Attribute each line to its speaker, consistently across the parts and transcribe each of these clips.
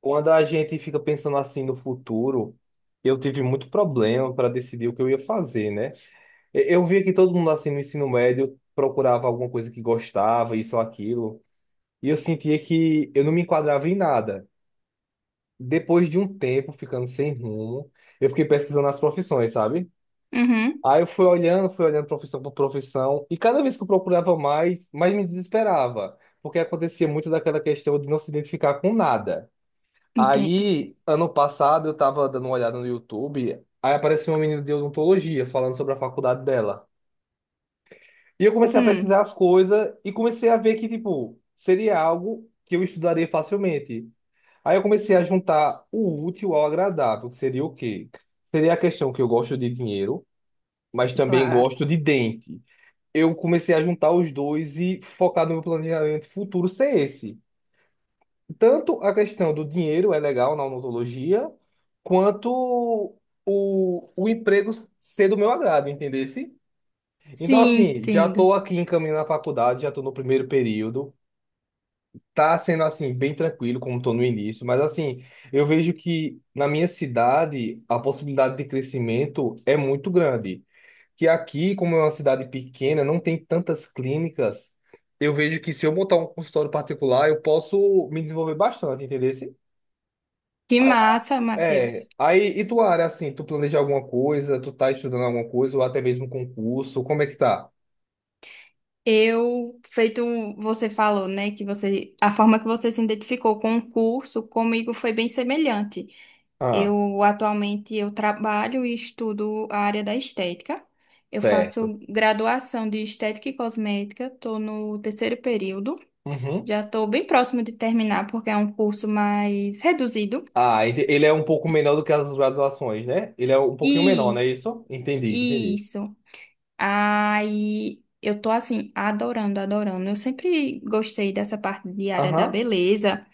Speaker 1: Quando a gente fica pensando assim no futuro, eu tive muito problema para decidir o que eu ia fazer, né? Eu via que todo mundo assim no ensino médio procurava alguma coisa que gostava, isso ou aquilo, e eu sentia que eu não me enquadrava em nada. Depois de um tempo ficando sem rumo, eu fiquei pesquisando as profissões, sabe?
Speaker 2: Uhum,
Speaker 1: Aí eu fui olhando profissão por profissão, e cada vez que eu procurava mais, mais me desesperava, porque acontecia muito daquela questão de não se identificar com nada.
Speaker 2: entendo.
Speaker 1: Aí, ano passado, eu tava dando uma olhada no YouTube, aí apareceu uma menina de odontologia falando sobre a faculdade dela. E eu comecei a
Speaker 2: Hum,
Speaker 1: pesquisar as coisas e comecei a ver que, tipo, seria algo que eu estudaria facilmente. Aí eu comecei a juntar o útil ao agradável, que seria o quê? Seria a questão que eu gosto de dinheiro, mas também gosto de dente. Eu comecei a juntar os dois e focar no meu planejamento futuro ser esse. Tanto a questão do dinheiro é legal na odontologia, quanto o emprego ser do meu agrado, entendesse? Então,
Speaker 2: sim,
Speaker 1: assim, já
Speaker 2: entendo.
Speaker 1: estou aqui encaminhando a faculdade, já estou no primeiro período. Tá sendo assim, bem tranquilo, como estou no início, mas assim, eu vejo que na minha cidade a possibilidade de crescimento é muito grande. Que aqui, como é uma cidade pequena, não tem tantas clínicas. Eu vejo que se eu montar um consultório particular, eu posso me desenvolver bastante, entendeu?
Speaker 2: Que massa,
Speaker 1: É,
Speaker 2: Matheus.
Speaker 1: aí, e tua área, assim, tu planeja alguma coisa, tu tá estudando alguma coisa, ou até mesmo concurso, como é que tá?
Speaker 2: Eu, feito você falou, né, que a forma que você se identificou com o curso, comigo foi bem semelhante.
Speaker 1: Ah,
Speaker 2: Eu atualmente eu trabalho e estudo a área da estética. Eu
Speaker 1: certo.
Speaker 2: faço graduação de estética e cosmética, estou no terceiro período.
Speaker 1: Uhum.
Speaker 2: Já estou bem próximo de terminar porque é um curso mais reduzido.
Speaker 1: Ele é um pouco menor do que as graduações, né? Ele é um pouquinho menor, não é
Speaker 2: Isso,
Speaker 1: isso? Entendi. Entendi.
Speaker 2: isso. Aí eu tô assim, adorando. Eu sempre gostei dessa parte de área da
Speaker 1: Aham.
Speaker 2: beleza.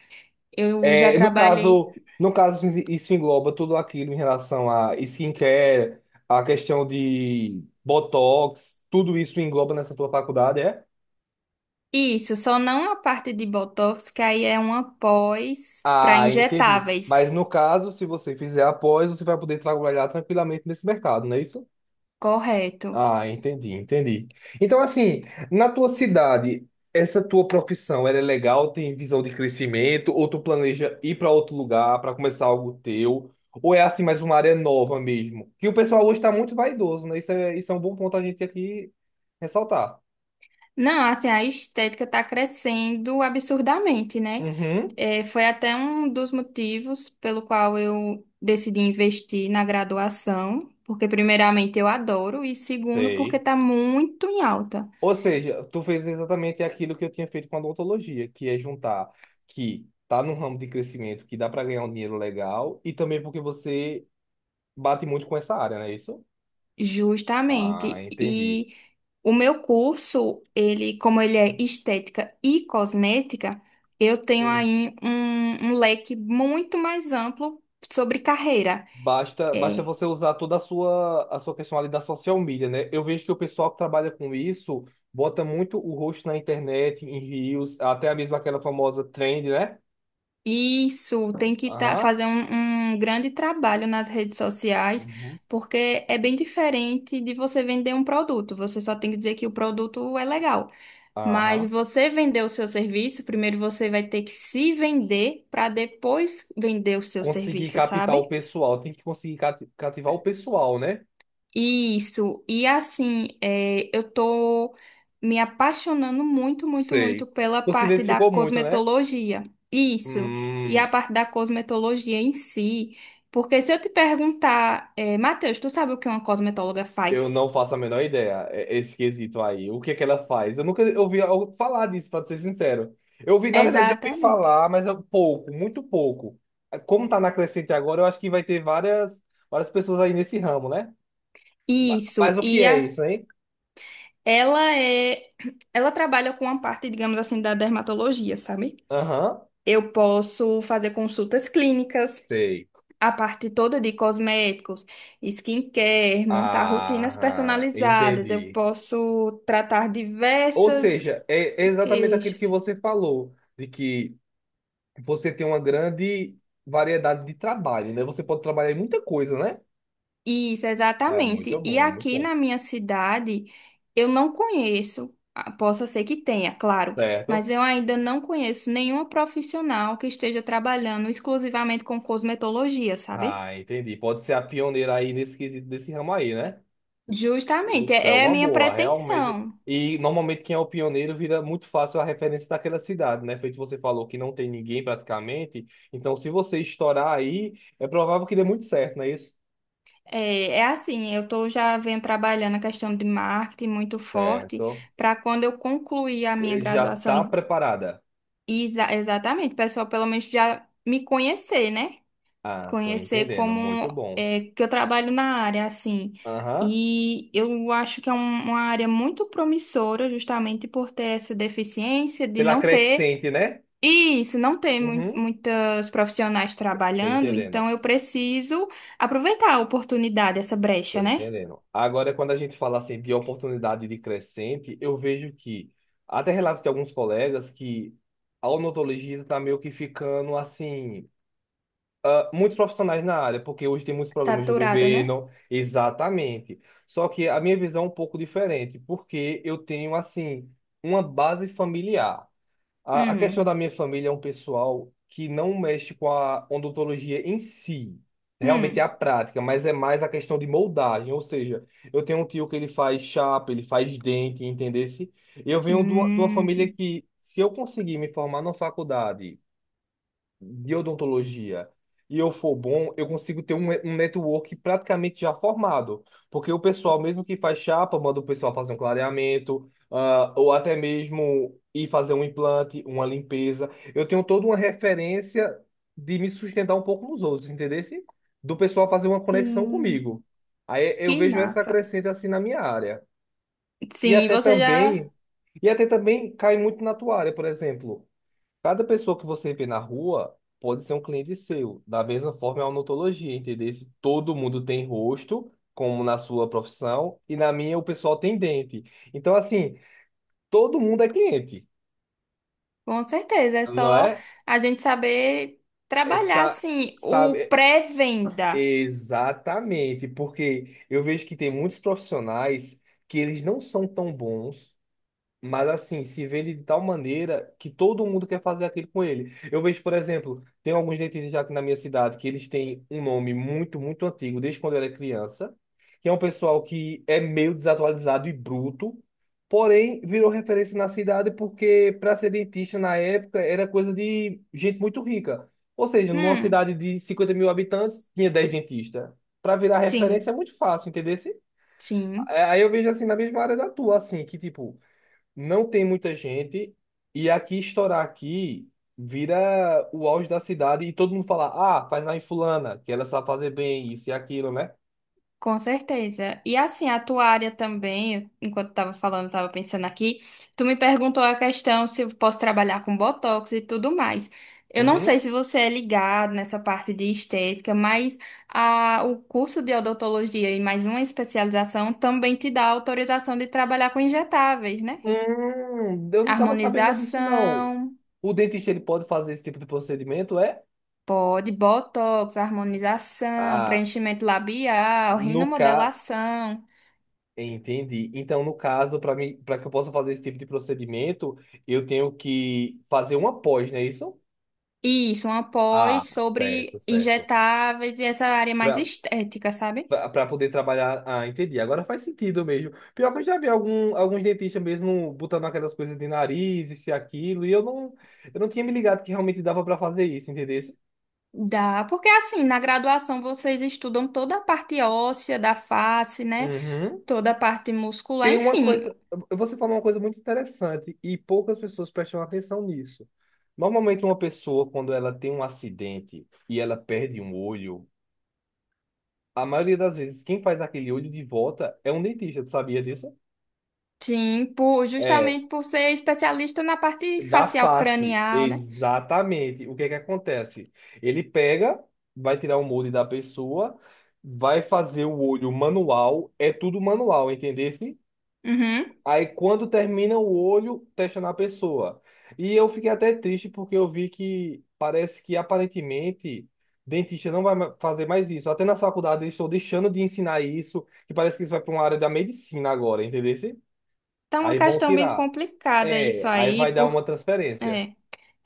Speaker 2: Eu já
Speaker 1: É, no
Speaker 2: trabalhei
Speaker 1: caso, no caso, isso engloba tudo aquilo em relação a skincare, a questão de botox, tudo isso engloba nessa tua faculdade, é?
Speaker 2: isso, só não a parte de botox, que aí é uma pós para
Speaker 1: Ah, entendi. Mas
Speaker 2: injetáveis.
Speaker 1: no caso, se você fizer após, você vai poder trabalhar tranquilamente nesse mercado, não é isso?
Speaker 2: Correto.
Speaker 1: Ah, entendi, entendi. Então, assim, na tua cidade, essa tua profissão, ela é legal? Tem visão de crescimento? Ou tu planeja ir para outro lugar para começar algo teu? Ou é assim mais uma área nova mesmo? Que o pessoal hoje está muito vaidoso, né? Isso é um bom ponto a gente aqui ressaltar.
Speaker 2: Não, assim, a estética tá crescendo absurdamente, né?
Speaker 1: Uhum,
Speaker 2: É, foi até um dos motivos pelo qual eu decidi investir na graduação, porque primeiramente eu adoro e segundo porque
Speaker 1: sei.
Speaker 2: tá muito em alta.
Speaker 1: Ou seja, tu fez exatamente aquilo que eu tinha feito com a odontologia, que é juntar que tá num ramo de crescimento que dá para ganhar um dinheiro legal e também porque você bate muito com essa área, não é isso? Ah,
Speaker 2: Justamente.
Speaker 1: entendi.
Speaker 2: E o meu curso, ele, como ele é estética e cosmética, eu tenho
Speaker 1: Hum.
Speaker 2: aí um leque muito mais amplo sobre carreira.
Speaker 1: Basta, basta
Speaker 2: É,
Speaker 1: você usar toda a sua questão ali da social media, né? Eu vejo que o pessoal que trabalha com isso bota muito o rosto na internet, em reels, até mesmo aquela famosa trend, né?
Speaker 2: isso, tem que tá,
Speaker 1: Aham.
Speaker 2: fazer um grande trabalho nas redes sociais,
Speaker 1: Uhum.
Speaker 2: porque é bem diferente de você vender um produto. Você só tem que dizer que o produto é legal. Mas
Speaker 1: Aham.
Speaker 2: você vender o seu serviço, primeiro você vai ter que se vender para depois vender o seu
Speaker 1: Conseguir
Speaker 2: serviço,
Speaker 1: captar o
Speaker 2: sabe?
Speaker 1: pessoal, tem que conseguir cativar o pessoal, né?
Speaker 2: Isso. E assim, é, eu tô me apaixonando muito
Speaker 1: Sei.
Speaker 2: pela
Speaker 1: Tu se
Speaker 2: parte da
Speaker 1: identificou muito, né?
Speaker 2: cosmetologia. Isso. E a
Speaker 1: Hum,
Speaker 2: parte da cosmetologia em si. Porque se eu te perguntar, é, Matheus, tu sabe o que uma cosmetóloga
Speaker 1: eu
Speaker 2: faz?
Speaker 1: não faço a menor ideia, esse quesito aí. O que é que ela faz? Eu nunca ouvi falar disso, pra ser sincero. Eu ouvi, na verdade, já ouvi
Speaker 2: Exatamente.
Speaker 1: falar, mas é pouco, muito pouco. É, como tá na crescente agora, eu acho que vai ter várias, várias pessoas aí nesse ramo, né? Mas,
Speaker 2: Isso.
Speaker 1: o que
Speaker 2: E
Speaker 1: é
Speaker 2: a
Speaker 1: isso, hein?
Speaker 2: ela é, ela trabalha com a parte, digamos assim, da dermatologia, sabe?
Speaker 1: Aham,
Speaker 2: Eu posso fazer consultas clínicas,
Speaker 1: sei.
Speaker 2: a parte toda de cosméticos, skincare, montar rotinas
Speaker 1: Ah,
Speaker 2: personalizadas. Eu
Speaker 1: entendi.
Speaker 2: posso tratar
Speaker 1: Ou
Speaker 2: diversas
Speaker 1: seja, é exatamente aquilo que
Speaker 2: queixas.
Speaker 1: você falou, de que você tem uma grande variedade de trabalho, né? Você pode trabalhar em muita coisa, né?
Speaker 2: Isso,
Speaker 1: É muito
Speaker 2: exatamente. E
Speaker 1: bom, é muito
Speaker 2: aqui
Speaker 1: bom.
Speaker 2: na minha cidade, eu não conheço, ah, possa ser que tenha, claro, mas
Speaker 1: Certo?
Speaker 2: eu ainda não conheço nenhuma profissional que esteja trabalhando exclusivamente com cosmetologia, sabe?
Speaker 1: Ah, entendi. Pode ser a pioneira aí nesse quesito desse ramo aí, né?
Speaker 2: Justamente,
Speaker 1: Isso é
Speaker 2: é a
Speaker 1: uma
Speaker 2: minha
Speaker 1: boa, realmente.
Speaker 2: pretensão.
Speaker 1: E normalmente quem é o pioneiro vira muito fácil a referência daquela cidade, né? Feito você falou que não tem ninguém praticamente. Então, se você estourar aí, é provável que dê muito certo, não é isso?
Speaker 2: É, é assim, eu tô já venho trabalhando a questão de marketing muito forte
Speaker 1: Certo.
Speaker 2: para quando eu concluir a minha
Speaker 1: Já
Speaker 2: graduação
Speaker 1: tá
Speaker 2: e,
Speaker 1: preparada.
Speaker 2: e exa- exatamente, o pessoal pelo menos já me conhecer, né?
Speaker 1: Ah, tô
Speaker 2: Conhecer
Speaker 1: entendendo.
Speaker 2: como
Speaker 1: Muito bom.
Speaker 2: é, que eu trabalho na área, assim.
Speaker 1: Aham.
Speaker 2: E eu acho que é um- uma área muito promissora, justamente por ter essa deficiência de
Speaker 1: Pela
Speaker 2: não ter,
Speaker 1: crescente, né?
Speaker 2: e isso, não ter mui-
Speaker 1: Uhum.
Speaker 2: muitos profissionais
Speaker 1: Tô
Speaker 2: trabalhando,
Speaker 1: entendendo.
Speaker 2: então eu preciso aproveitar a oportunidade, essa
Speaker 1: Tô
Speaker 2: brecha, né?
Speaker 1: entendendo. Agora, quando a gente fala assim de oportunidade de crescente, eu vejo que até relatos de alguns colegas que a odontologia está meio que ficando assim. Ah, muitos profissionais na área, porque hoje tem muitos programas do
Speaker 2: Saturada, né?
Speaker 1: governo, exatamente. Só que a minha visão é um pouco diferente, porque eu tenho, assim, uma base familiar. A questão
Speaker 2: Hum,
Speaker 1: da minha família é um pessoal que não mexe com a odontologia em si. Realmente é
Speaker 2: hum,
Speaker 1: a prática, mas é mais a questão de moldagem. Ou seja, eu tenho um tio que ele faz chapa, ele faz dente, entendesse? Eu venho de uma família
Speaker 2: hum,
Speaker 1: que, se eu conseguir me formar na faculdade de odontologia e eu for bom, eu consigo ter um network praticamente já formado. Porque o pessoal, mesmo que faz chapa, manda o pessoal fazer um clareamento, ah, ou até mesmo ir fazer um implante, uma limpeza. Eu tenho toda uma referência de me sustentar um pouco nos outros, entendesse? Do pessoal fazer uma conexão
Speaker 2: sim,
Speaker 1: comigo. Aí eu
Speaker 2: que
Speaker 1: vejo essa
Speaker 2: massa.
Speaker 1: crescente assim na minha área. E
Speaker 2: Sim,
Speaker 1: até
Speaker 2: você já.
Speaker 1: também, e até também cai muito na tua área, por exemplo. Cada pessoa que você vê na rua pode ser um cliente seu. Da mesma forma, é uma odontologia, entendeu? Se todo mundo tem rosto, como na sua profissão, e na minha o pessoal tem dente. Então, assim, todo mundo é cliente,
Speaker 2: Com certeza, é
Speaker 1: não
Speaker 2: só
Speaker 1: é?
Speaker 2: a gente saber trabalhar
Speaker 1: Essa,
Speaker 2: assim o
Speaker 1: sabe, é,
Speaker 2: pré-venda.
Speaker 1: exatamente, porque eu vejo que tem muitos profissionais que eles não são tão bons. Mas assim, se vê ele de tal maneira que todo mundo quer fazer aquilo com ele. Eu vejo, por exemplo, tem alguns dentistas já aqui na minha cidade que eles têm um nome muito, muito antigo, desde quando eu era criança, que é um pessoal que é meio desatualizado e bruto, porém virou referência na cidade porque para ser dentista na época era coisa de gente muito rica. Ou seja, numa
Speaker 2: Hum,
Speaker 1: cidade de 50.000 habitantes, tinha 10 dentistas. Para virar referência
Speaker 2: sim,
Speaker 1: é muito fácil, entendeu?
Speaker 2: sim,
Speaker 1: Aí eu vejo assim na mesma área da tua, assim, que tipo não tem muita gente e aqui estourar aqui vira o auge da cidade e todo mundo fala, ah, faz lá em fulana, que ela sabe fazer bem isso e aquilo, né?
Speaker 2: com certeza. E assim, a tua área também, enquanto estava falando, estava pensando aqui, tu me perguntou a questão se eu posso trabalhar com botox e tudo mais. Eu não
Speaker 1: Uhum.
Speaker 2: sei se você é ligado nessa parte de estética, mas a, o curso de odontologia e mais uma especialização também te dá autorização de trabalhar com injetáveis, né?
Speaker 1: Eu não tava sabendo disso, não.
Speaker 2: Harmonização.
Speaker 1: O dentista, ele pode fazer esse tipo de procedimento, é?
Speaker 2: Pode botox, harmonização,
Speaker 1: Ah,
Speaker 2: preenchimento labial,
Speaker 1: no caso...
Speaker 2: rinomodelação.
Speaker 1: Entendi. Então, no caso, para mim, para que eu possa fazer esse tipo de procedimento, eu tenho que fazer uma pós, não é isso?
Speaker 2: Isso, uma
Speaker 1: Ah,
Speaker 2: pós
Speaker 1: certo,
Speaker 2: sobre
Speaker 1: certo.
Speaker 2: injetáveis e essa área mais
Speaker 1: Pra-
Speaker 2: estética, sabe?
Speaker 1: pra poder trabalhar. Ah, entendi. Agora faz sentido mesmo. Pior que eu já vi alguns dentistas mesmo botando aquelas coisas de nariz, isso e aquilo, e eu não tinha me ligado que realmente dava pra fazer isso, entendeu?
Speaker 2: Dá, porque assim, na graduação vocês estudam toda a parte óssea da face, né?
Speaker 1: Uhum.
Speaker 2: Toda a parte muscular,
Speaker 1: Tem uma
Speaker 2: enfim.
Speaker 1: coisa, você falou uma coisa muito interessante e poucas pessoas prestam atenção nisso. Normalmente uma pessoa, quando ela tem um acidente e ela perde um olho, a maioria das vezes quem faz aquele olho de volta é um dentista, tu sabia disso?
Speaker 2: Sim, por,
Speaker 1: É,
Speaker 2: justamente por ser especialista na parte
Speaker 1: da
Speaker 2: facial
Speaker 1: face,
Speaker 2: cranial, né?
Speaker 1: exatamente. O que é que acontece? Ele pega, vai tirar o molde da pessoa, vai fazer o olho manual, é tudo manual, entendesse?
Speaker 2: Uhum.
Speaker 1: Aí quando termina o olho, testa na pessoa. E eu fiquei até triste porque eu vi que parece que aparentemente dentista não vai fazer mais isso. Até na faculdade eles estão deixando de ensinar isso, que parece que isso vai para uma área da medicina agora, entendesse?
Speaker 2: Tá uma
Speaker 1: Aí vão
Speaker 2: questão bem
Speaker 1: tirar.
Speaker 2: complicada isso
Speaker 1: É, aí vai
Speaker 2: aí,
Speaker 1: dar
Speaker 2: por,
Speaker 1: uma transferência.
Speaker 2: é.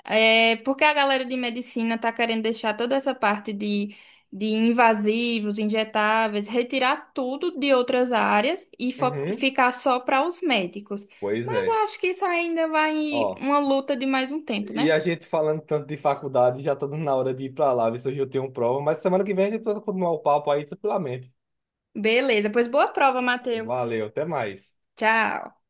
Speaker 2: É porque a galera de medicina está querendo deixar toda essa parte de invasivos, injetáveis, retirar tudo de outras áreas e fo-
Speaker 1: Uhum.
Speaker 2: ficar só para os médicos.
Speaker 1: Pois
Speaker 2: Mas eu
Speaker 1: é.
Speaker 2: acho que isso ainda vai
Speaker 1: Ó,
Speaker 2: uma luta de mais um tempo,
Speaker 1: e
Speaker 2: né?
Speaker 1: a gente falando tanto de faculdade, já tá dando na hora de ir pra lá, ver se hoje eu tenho prova, mas semana que vem a gente pode continuar o papo aí tranquilamente.
Speaker 2: Beleza, pois boa prova, Matheus.
Speaker 1: Valeu, até mais.
Speaker 2: Tchau.